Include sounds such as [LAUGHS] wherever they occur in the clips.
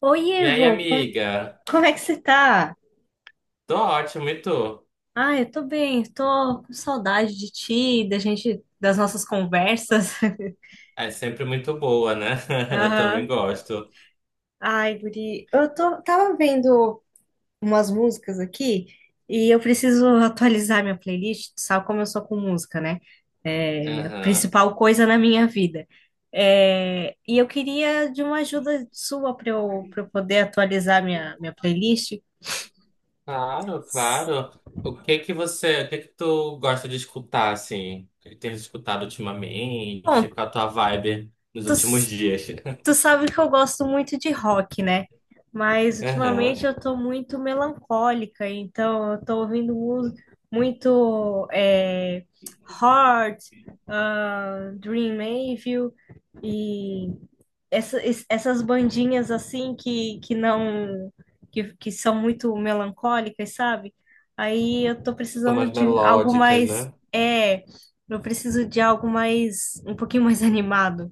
Oi, E aí, Evo, amiga? como é que você tá? Tô ótimo, e tu? Ah, eu tô bem, tô com saudade de ti, da gente, das nossas conversas. [LAUGHS] É sempre muito boa, né? [LAUGHS] Eu também Aham. gosto. Ai, Guri, tava vendo umas músicas aqui e eu preciso atualizar minha playlist, tu sabe como eu sou com música, né? É a Aham. principal coisa na minha vida. É, e eu queria de uma ajuda sua para eu, poder atualizar minha, playlist. Claro, claro. O que que você, o que que tu gosta de escutar, assim? O que que tem escutado Bom, ultimamente? Qual a tua vibe nos tu últimos dias? [LAUGHS] Tu sabe que eu gosto muito de rock, né? Mas Aham. ultimamente eu tô muito melancólica, então eu tô ouvindo muito Heart, Dream Evil e essas bandinhas assim que não que, que são muito melancólicas, sabe? Aí eu tô São precisando mais de algo melódicas, mais né? Eu preciso de algo mais um pouquinho mais [LAUGHS] animado.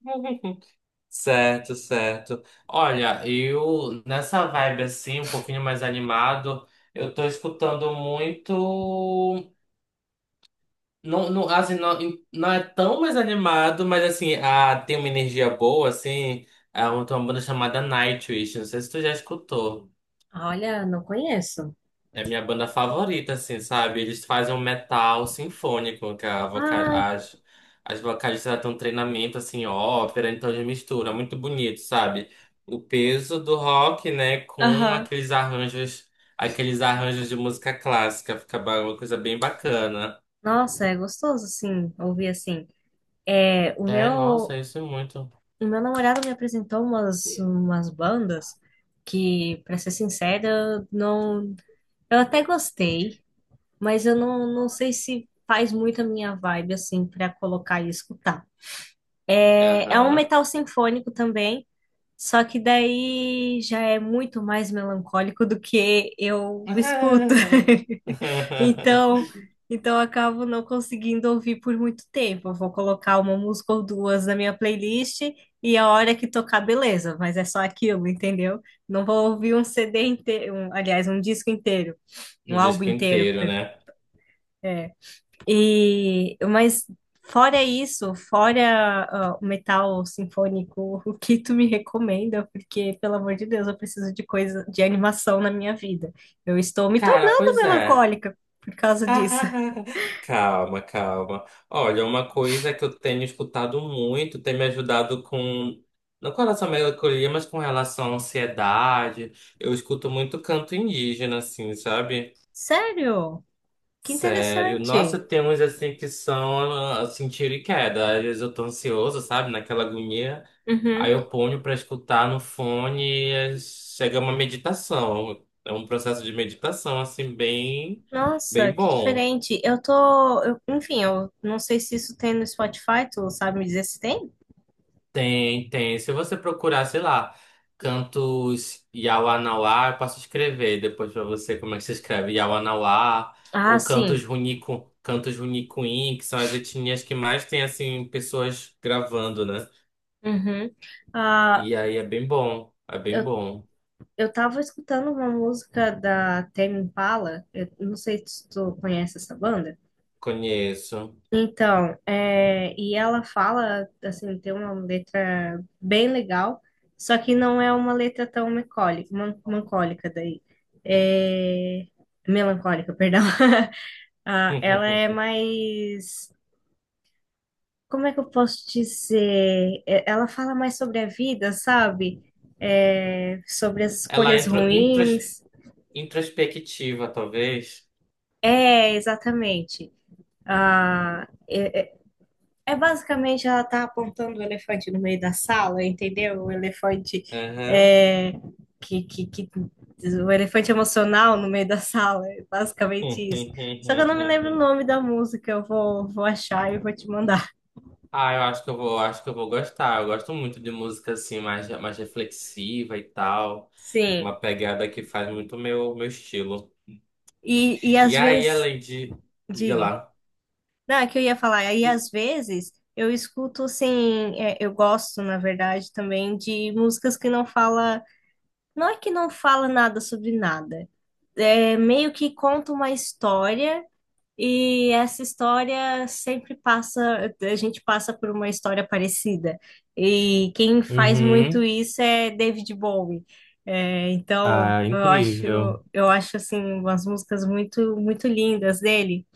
[LAUGHS] Certo, certo. Olha, eu nessa vibe assim, um pouquinho mais animado, eu tô escutando muito. Não, não, assim, não, não é tão mais animado, mas assim, ah, tem uma energia boa, assim. Tem uma banda chamada Nightwish, não sei se tu já escutou. Olha, não conheço. É a minha banda favorita, assim, sabe? Eles fazem um metal sinfônico, que Ah, as vocalistas elas têm um treinamento, assim, ópera, então eles misturam, é muito bonito, sabe? O peso do rock, né, com aham. Aqueles arranjos de música clássica, uma coisa bem bacana. Nossa, é gostoso, assim, ouvir assim. É, É, nossa, isso é muito. o meu namorado me apresentou umas, bandas que, pra ser sincera, eu não, eu até gostei, mas eu não, não sei se faz muito a minha vibe, assim, pra colocar e escutar. É, é um Aham. metal sinfônico também. Só que daí já é muito mais melancólico do que eu escuto. [LAUGHS] [LAUGHS] Então, eu acabo não conseguindo ouvir por muito tempo. Eu vou colocar uma música ou duas na minha playlist e a hora que tocar, beleza, mas é só aquilo, entendeu? Não vou ouvir um CD inteiro, aliás, um disco inteiro, Um um álbum disco inteiro. inteiro, né? Mas fora isso, fora o metal sinfônico, [LAUGHS] o que tu me recomenda? Porque, pelo amor de Deus, eu preciso de coisa de animação na minha vida. Eu estou me Cara, tornando pois é. melancólica por causa disso. [LAUGHS] Calma, calma. Olha, uma coisa que eu tenho escutado muito, tem me ajudado com. Não com relação à melancolia, mas com relação à ansiedade. Eu escuto muito canto indígena, assim, sabe? Sério? Que Sério, nossa, interessante. tem uns assim que são ah, assim, tiro e queda. Às vezes eu tô ansioso, sabe, naquela agonia. Uhum. Aí eu ponho pra escutar no fone e chega uma meditação. É um processo de meditação, assim, bem, Nossa, bem que bom. diferente. Enfim, eu não sei se isso tem no Spotify, tu sabe me dizer se tem? Tem, tem. Se você procurar, sei lá, cantos Yawanawá, eu posso escrever depois pra você como é que se escreve Yawanawá, Ah, ou cantos sim. Runico, cantos Runicuim, que são as etnias que mais tem, assim, pessoas gravando, né? Uhum. Ah, E aí é bem bom, é bem bom. eu tava escutando uma música da Tame Impala, eu não sei se tu conhece essa banda. Conheço. Então, e ela fala, assim, tem uma letra bem legal, só que não é uma letra tão melancólica, melancólica daí. É, melancólica, perdão. [LAUGHS] Ah, ela é [LAUGHS] mais, como é que eu posso dizer? Ela fala mais sobre a vida, sabe? É, sobre as Ela é escolhas intro, intros, ruins. introspectiva, talvez. É, exatamente. Ah, é basicamente ela tá apontando o elefante no meio da sala, entendeu? Aham. é, que, que, que- o elefante emocional no meio da sala, é basicamente isso. Só que eu não me lembro o [LAUGHS] nome da música, vou achar e vou te mandar. Ah, eu acho que eu vou, acho que eu vou gostar. Eu gosto muito de música assim, mais, mais reflexiva e tal. Sim, Uma pegada que faz muito meu, meu estilo. E às E aí, vezes, além de. Liga diga. lá. Não, é que eu ia falar, aí às vezes eu escuto assim, eu gosto, na verdade, também de músicas que não fala, não é que não fala nada sobre nada. É meio que conta uma história e essa história sempre passa, a gente passa por uma história parecida. E quem faz muito Uhum. isso é David Bowie. É, então Ah, incrível. eu acho assim umas músicas muito, muito lindas dele.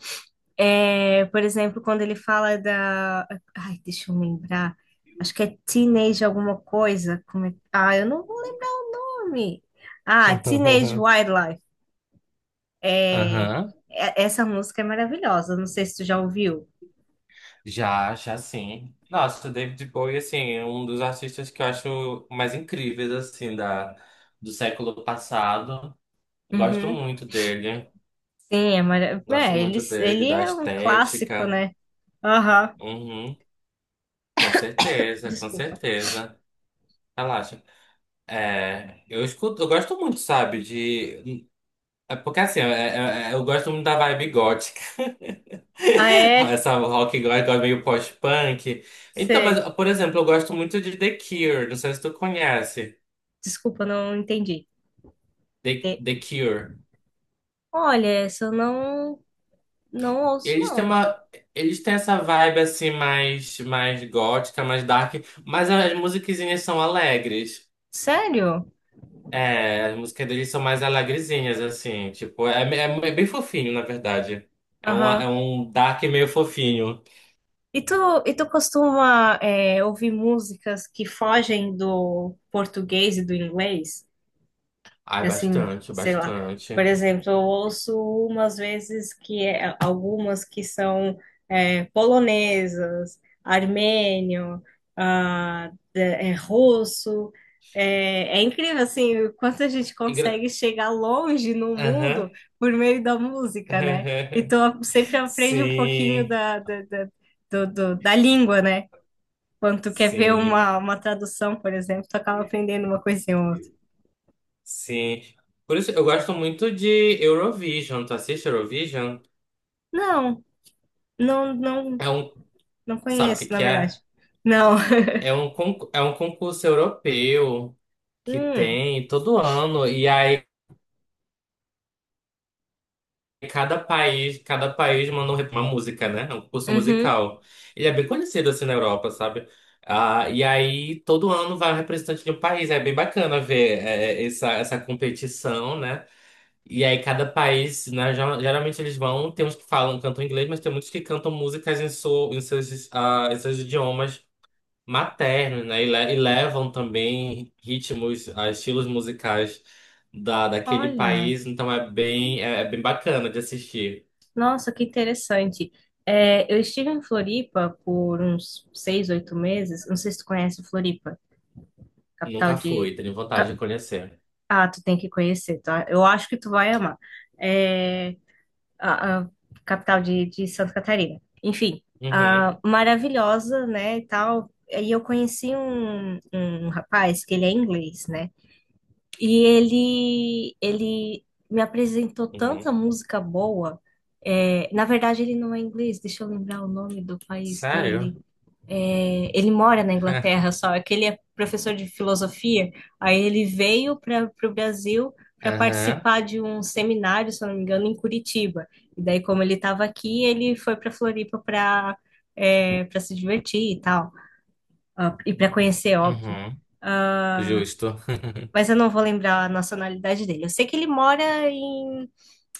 É, por exemplo, quando ele fala da, ai, deixa eu lembrar, acho que é Teenage alguma coisa, eu não vou lembrar nome? Ah, Teenage [LAUGHS] Wildlife. É, Aham. Essa música é maravilhosa. Não sei se tu já ouviu. Já, já sim. Nossa, o David Bowie, assim, é um dos artistas que eu acho mais incríveis, assim, da, do século passado. Gosto Uhum. muito dele. Sim, é maravilhoso. Gosto Ele, muito dele, da é um clássico, estética. né? Aham. Uhum. Com certeza, com Desculpa. certeza. Relaxa. É, eu escuto, eu gosto muito, sabe, de. É porque assim, é- é- é- Eu gosto muito da vibe gótica. Ah, [LAUGHS] é? Essa rock gótica meio post-punk. Então, mas, Sei. por exemplo, eu gosto muito de The Cure. Não sei se tu conhece. Desculpa, não entendi. De- The Cure. Olha, essa eu não, não ouço, Eles têm não. uma. Eles têm essa vibe assim mais, mais gótica, mais dark, mas as musiquinhas são alegres. Sério? É, as músicas deles são mais alegrezinhas, assim, tipo, é bem fofinho, na verdade. Aham. É um dark meio fofinho. E tu, e tu costuma, ouvir músicas que fogem do português e do inglês? Ai, Assim, bastante, sei lá. Por bastante. exemplo, eu E- ouço umas vezes algumas que polonesas, armênio, russo. É incrível, assim, o quanto a gente e gra- consegue chegar longe no mundo Aham. por meio da música, né? [LAUGHS] Então, sempre aprende um pouquinho Sim, da, da, da língua, né? Quando tu quer ver sim, uma, tradução, por exemplo, tu acaba aprendendo uma coisinha ou outra. sim. Por isso, eu gosto muito de Eurovision. Tu assiste Eurovision? Não, não, não. É um, Não sabe o que conheço, na que é? verdade. Não. [LAUGHS] É um concurso europeu que Hum, tem todo ano. E aí cada país, cada país manda um- uma música, né? É um curso uhum. musical. Ele é bem conhecido assim na Europa, sabe? Ah, e aí todo ano vai um representante de um país. É bem bacana ver essa, essa competição, né? E aí cada país, né, geralmente eles vão, tem uns que falam, cantam inglês, mas tem muitos que cantam músicas em seus idiomas maternos, né? E, e levam também ritmos, ah, estilos musicais daquele Olha, país, então é bem, é bem bacana de assistir. nossa, que interessante. É, eu estive em Floripa por uns seis, oito meses. Não sei se tu conhece Floripa, capital Nunca de. fui, tenho vontade ca- de conhecer. Ah, tu tem que conhecer, tá? Eu acho que tu vai amar. É a, capital de, Santa Catarina. Enfim, Uhum, maravilhosa, né, e tal. E eu conheci um, rapaz que ele é inglês, né? E ele me apresentou uhum. tanta música boa. É, na verdade, ele não é inglês, deixa eu lembrar o nome do país Sério? dele. Ele mora na Inglaterra [LAUGHS] só, é que ele é professor de filosofia. Aí ele veio para o Brasil para Aham, participar de um seminário, se eu não me engano, em Curitiba. E daí, como ele estava aqui, ele foi para Floripa para se divertir e tal, e para conhecer, óbvio. uhum. Ah, Justo. mas eu não vou lembrar a nacionalidade dele. Eu sei que ele mora em,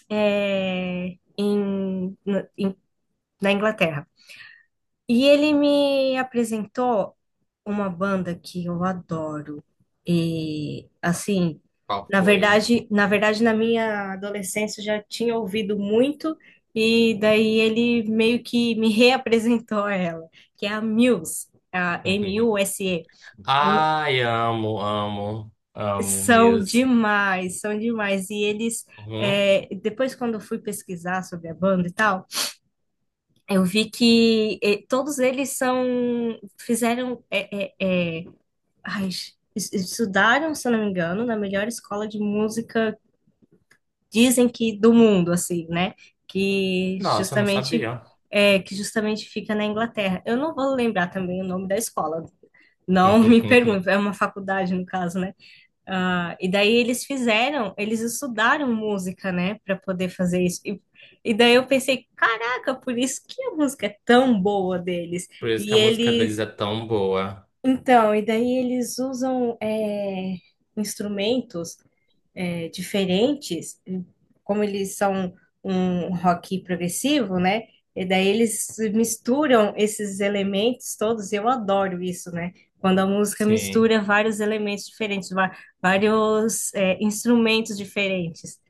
é, em- no- em- na Inglaterra. E ele me apresentou uma banda que eu adoro. E assim, [LAUGHS] Qual foi? Na verdade, na minha adolescência eu já tinha ouvido muito, e daí ele meio que me [LAUGHS] reapresentou a ela, que é a Muse, a [LAUGHS] M-U-S-E. Ai, amo, amo, amo São Muse. demais, são demais. E eles, Uhum. Depois, quando eu fui pesquisar sobre a banda e tal, eu vi todos eles são, fizeram, é, é, é, ai, es- estudaram, se eu não me engano, na melhor escola de música, dizem que do mundo, assim, né? Que Nossa, eu não justamente, sabia. que justamente fica na Inglaterra. Eu não vou lembrar também o nome da escola, não [LAUGHS] me [LAUGHS] pergunte, é uma faculdade, no caso, né? Ah, e daí eles fizeram, eles estudaram música, né, para poder fazer isso. E daí eu pensei, caraca, por isso que a música é tão boa deles. Por isso que a E música deles eles, é tão boa. então, e daí eles usam instrumentos diferentes, como eles são um rock progressivo, né? E daí eles misturam esses elementos todos, eu adoro isso, né? Quando a música Sim. mistura vários elementos diferentes, vários, instrumentos diferentes.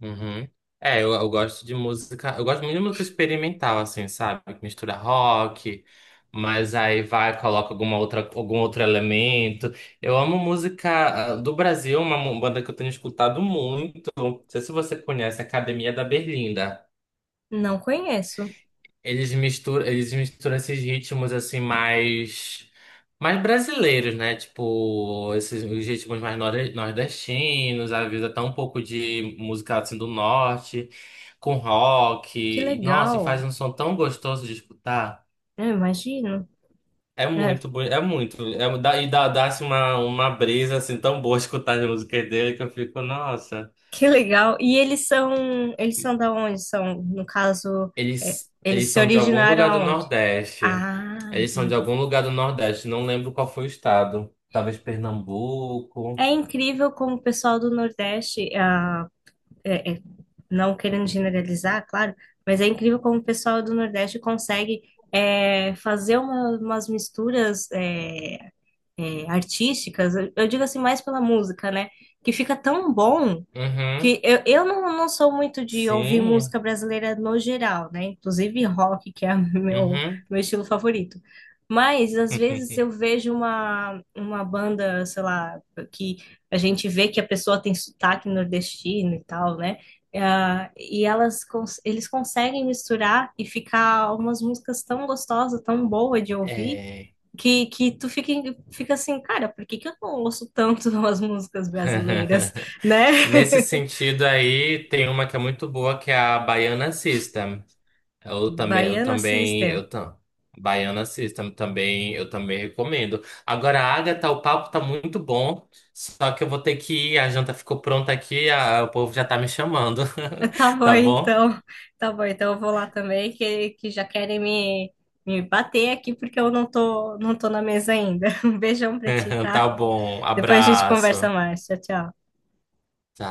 Uhum. Eu gosto de música, eu gosto muito de música experimental, assim, sabe? Que mistura rock, mas aí vai, coloca alguma outra, algum outro elemento. Eu amo música ah, do Brasil, banda que eu tenho escutado muito. Não sei se você conhece, Academia da Berlinda. Não conheço. Eles misturam esses ritmos assim mais, mais brasileiros, né? Tipo, esses os ritmos mais nor- nordestinos, às vezes até um pouco de música assim do norte, com rock. Que E, nossa, e faz legal. um som tão gostoso de escutar. Eu imagino. É, É muito, é, dá, dá-se uma brisa assim tão boa [LAUGHS] escutar as músicas dele que eu fico, nossa. que legal. E eles são, da onde? São, no caso, Eles, eles eles se são de algum originaram lugar do aonde? Nordeste. Ah, Eles são de entendi. algum lugar do Nordeste. Não lembro qual foi o estado. Talvez Pernambuco. É incrível como o pessoal do Nordeste, é- é- não querendo generalizar, claro, mas é incrível como o pessoal do Nordeste consegue fazer umas misturas artísticas, eu digo assim mais pela música, né? Que fica tão bom Uhum. que eu não, não sou muito de ouvir Sim. música brasileira no geral, né? Inclusive rock, que é [LAUGHS] Uhum. meu estilo favorito. Mas às vezes eu [LAUGHS] vejo uma, banda, sei lá, que a gente vê que a pessoa tem sotaque nordestino e tal, né? Ah, eles conseguem misturar e ficar umas músicas tão gostosas, tão boas de ouvir, É. que tu fica assim, cara, por que que eu não ouço tanto [LAUGHS] as músicas brasileiras, [LAUGHS] [LAUGHS] né? Nesse sentido aí, tem uma que é muito boa, que é a Baiana System. Eu também, eu Baiano também, System. eu tam... Baiana System também, eu também recomendo. Agora, Agatha, o papo tá muito bom, só que eu vou ter que ir, a janta ficou pronta aqui, o povo já tá me chamando. [LAUGHS] Tá [LAUGHS] bom, Tá bom? então. Tá bom, então eu vou lá também, que já querem me bater aqui porque eu não tô, não tô na mesa ainda. [LAUGHS] Um beijão pra ti, [LAUGHS] tá? Tá bom. Depois a gente conversa Abraço. mais. Tchau, tchau. Tá.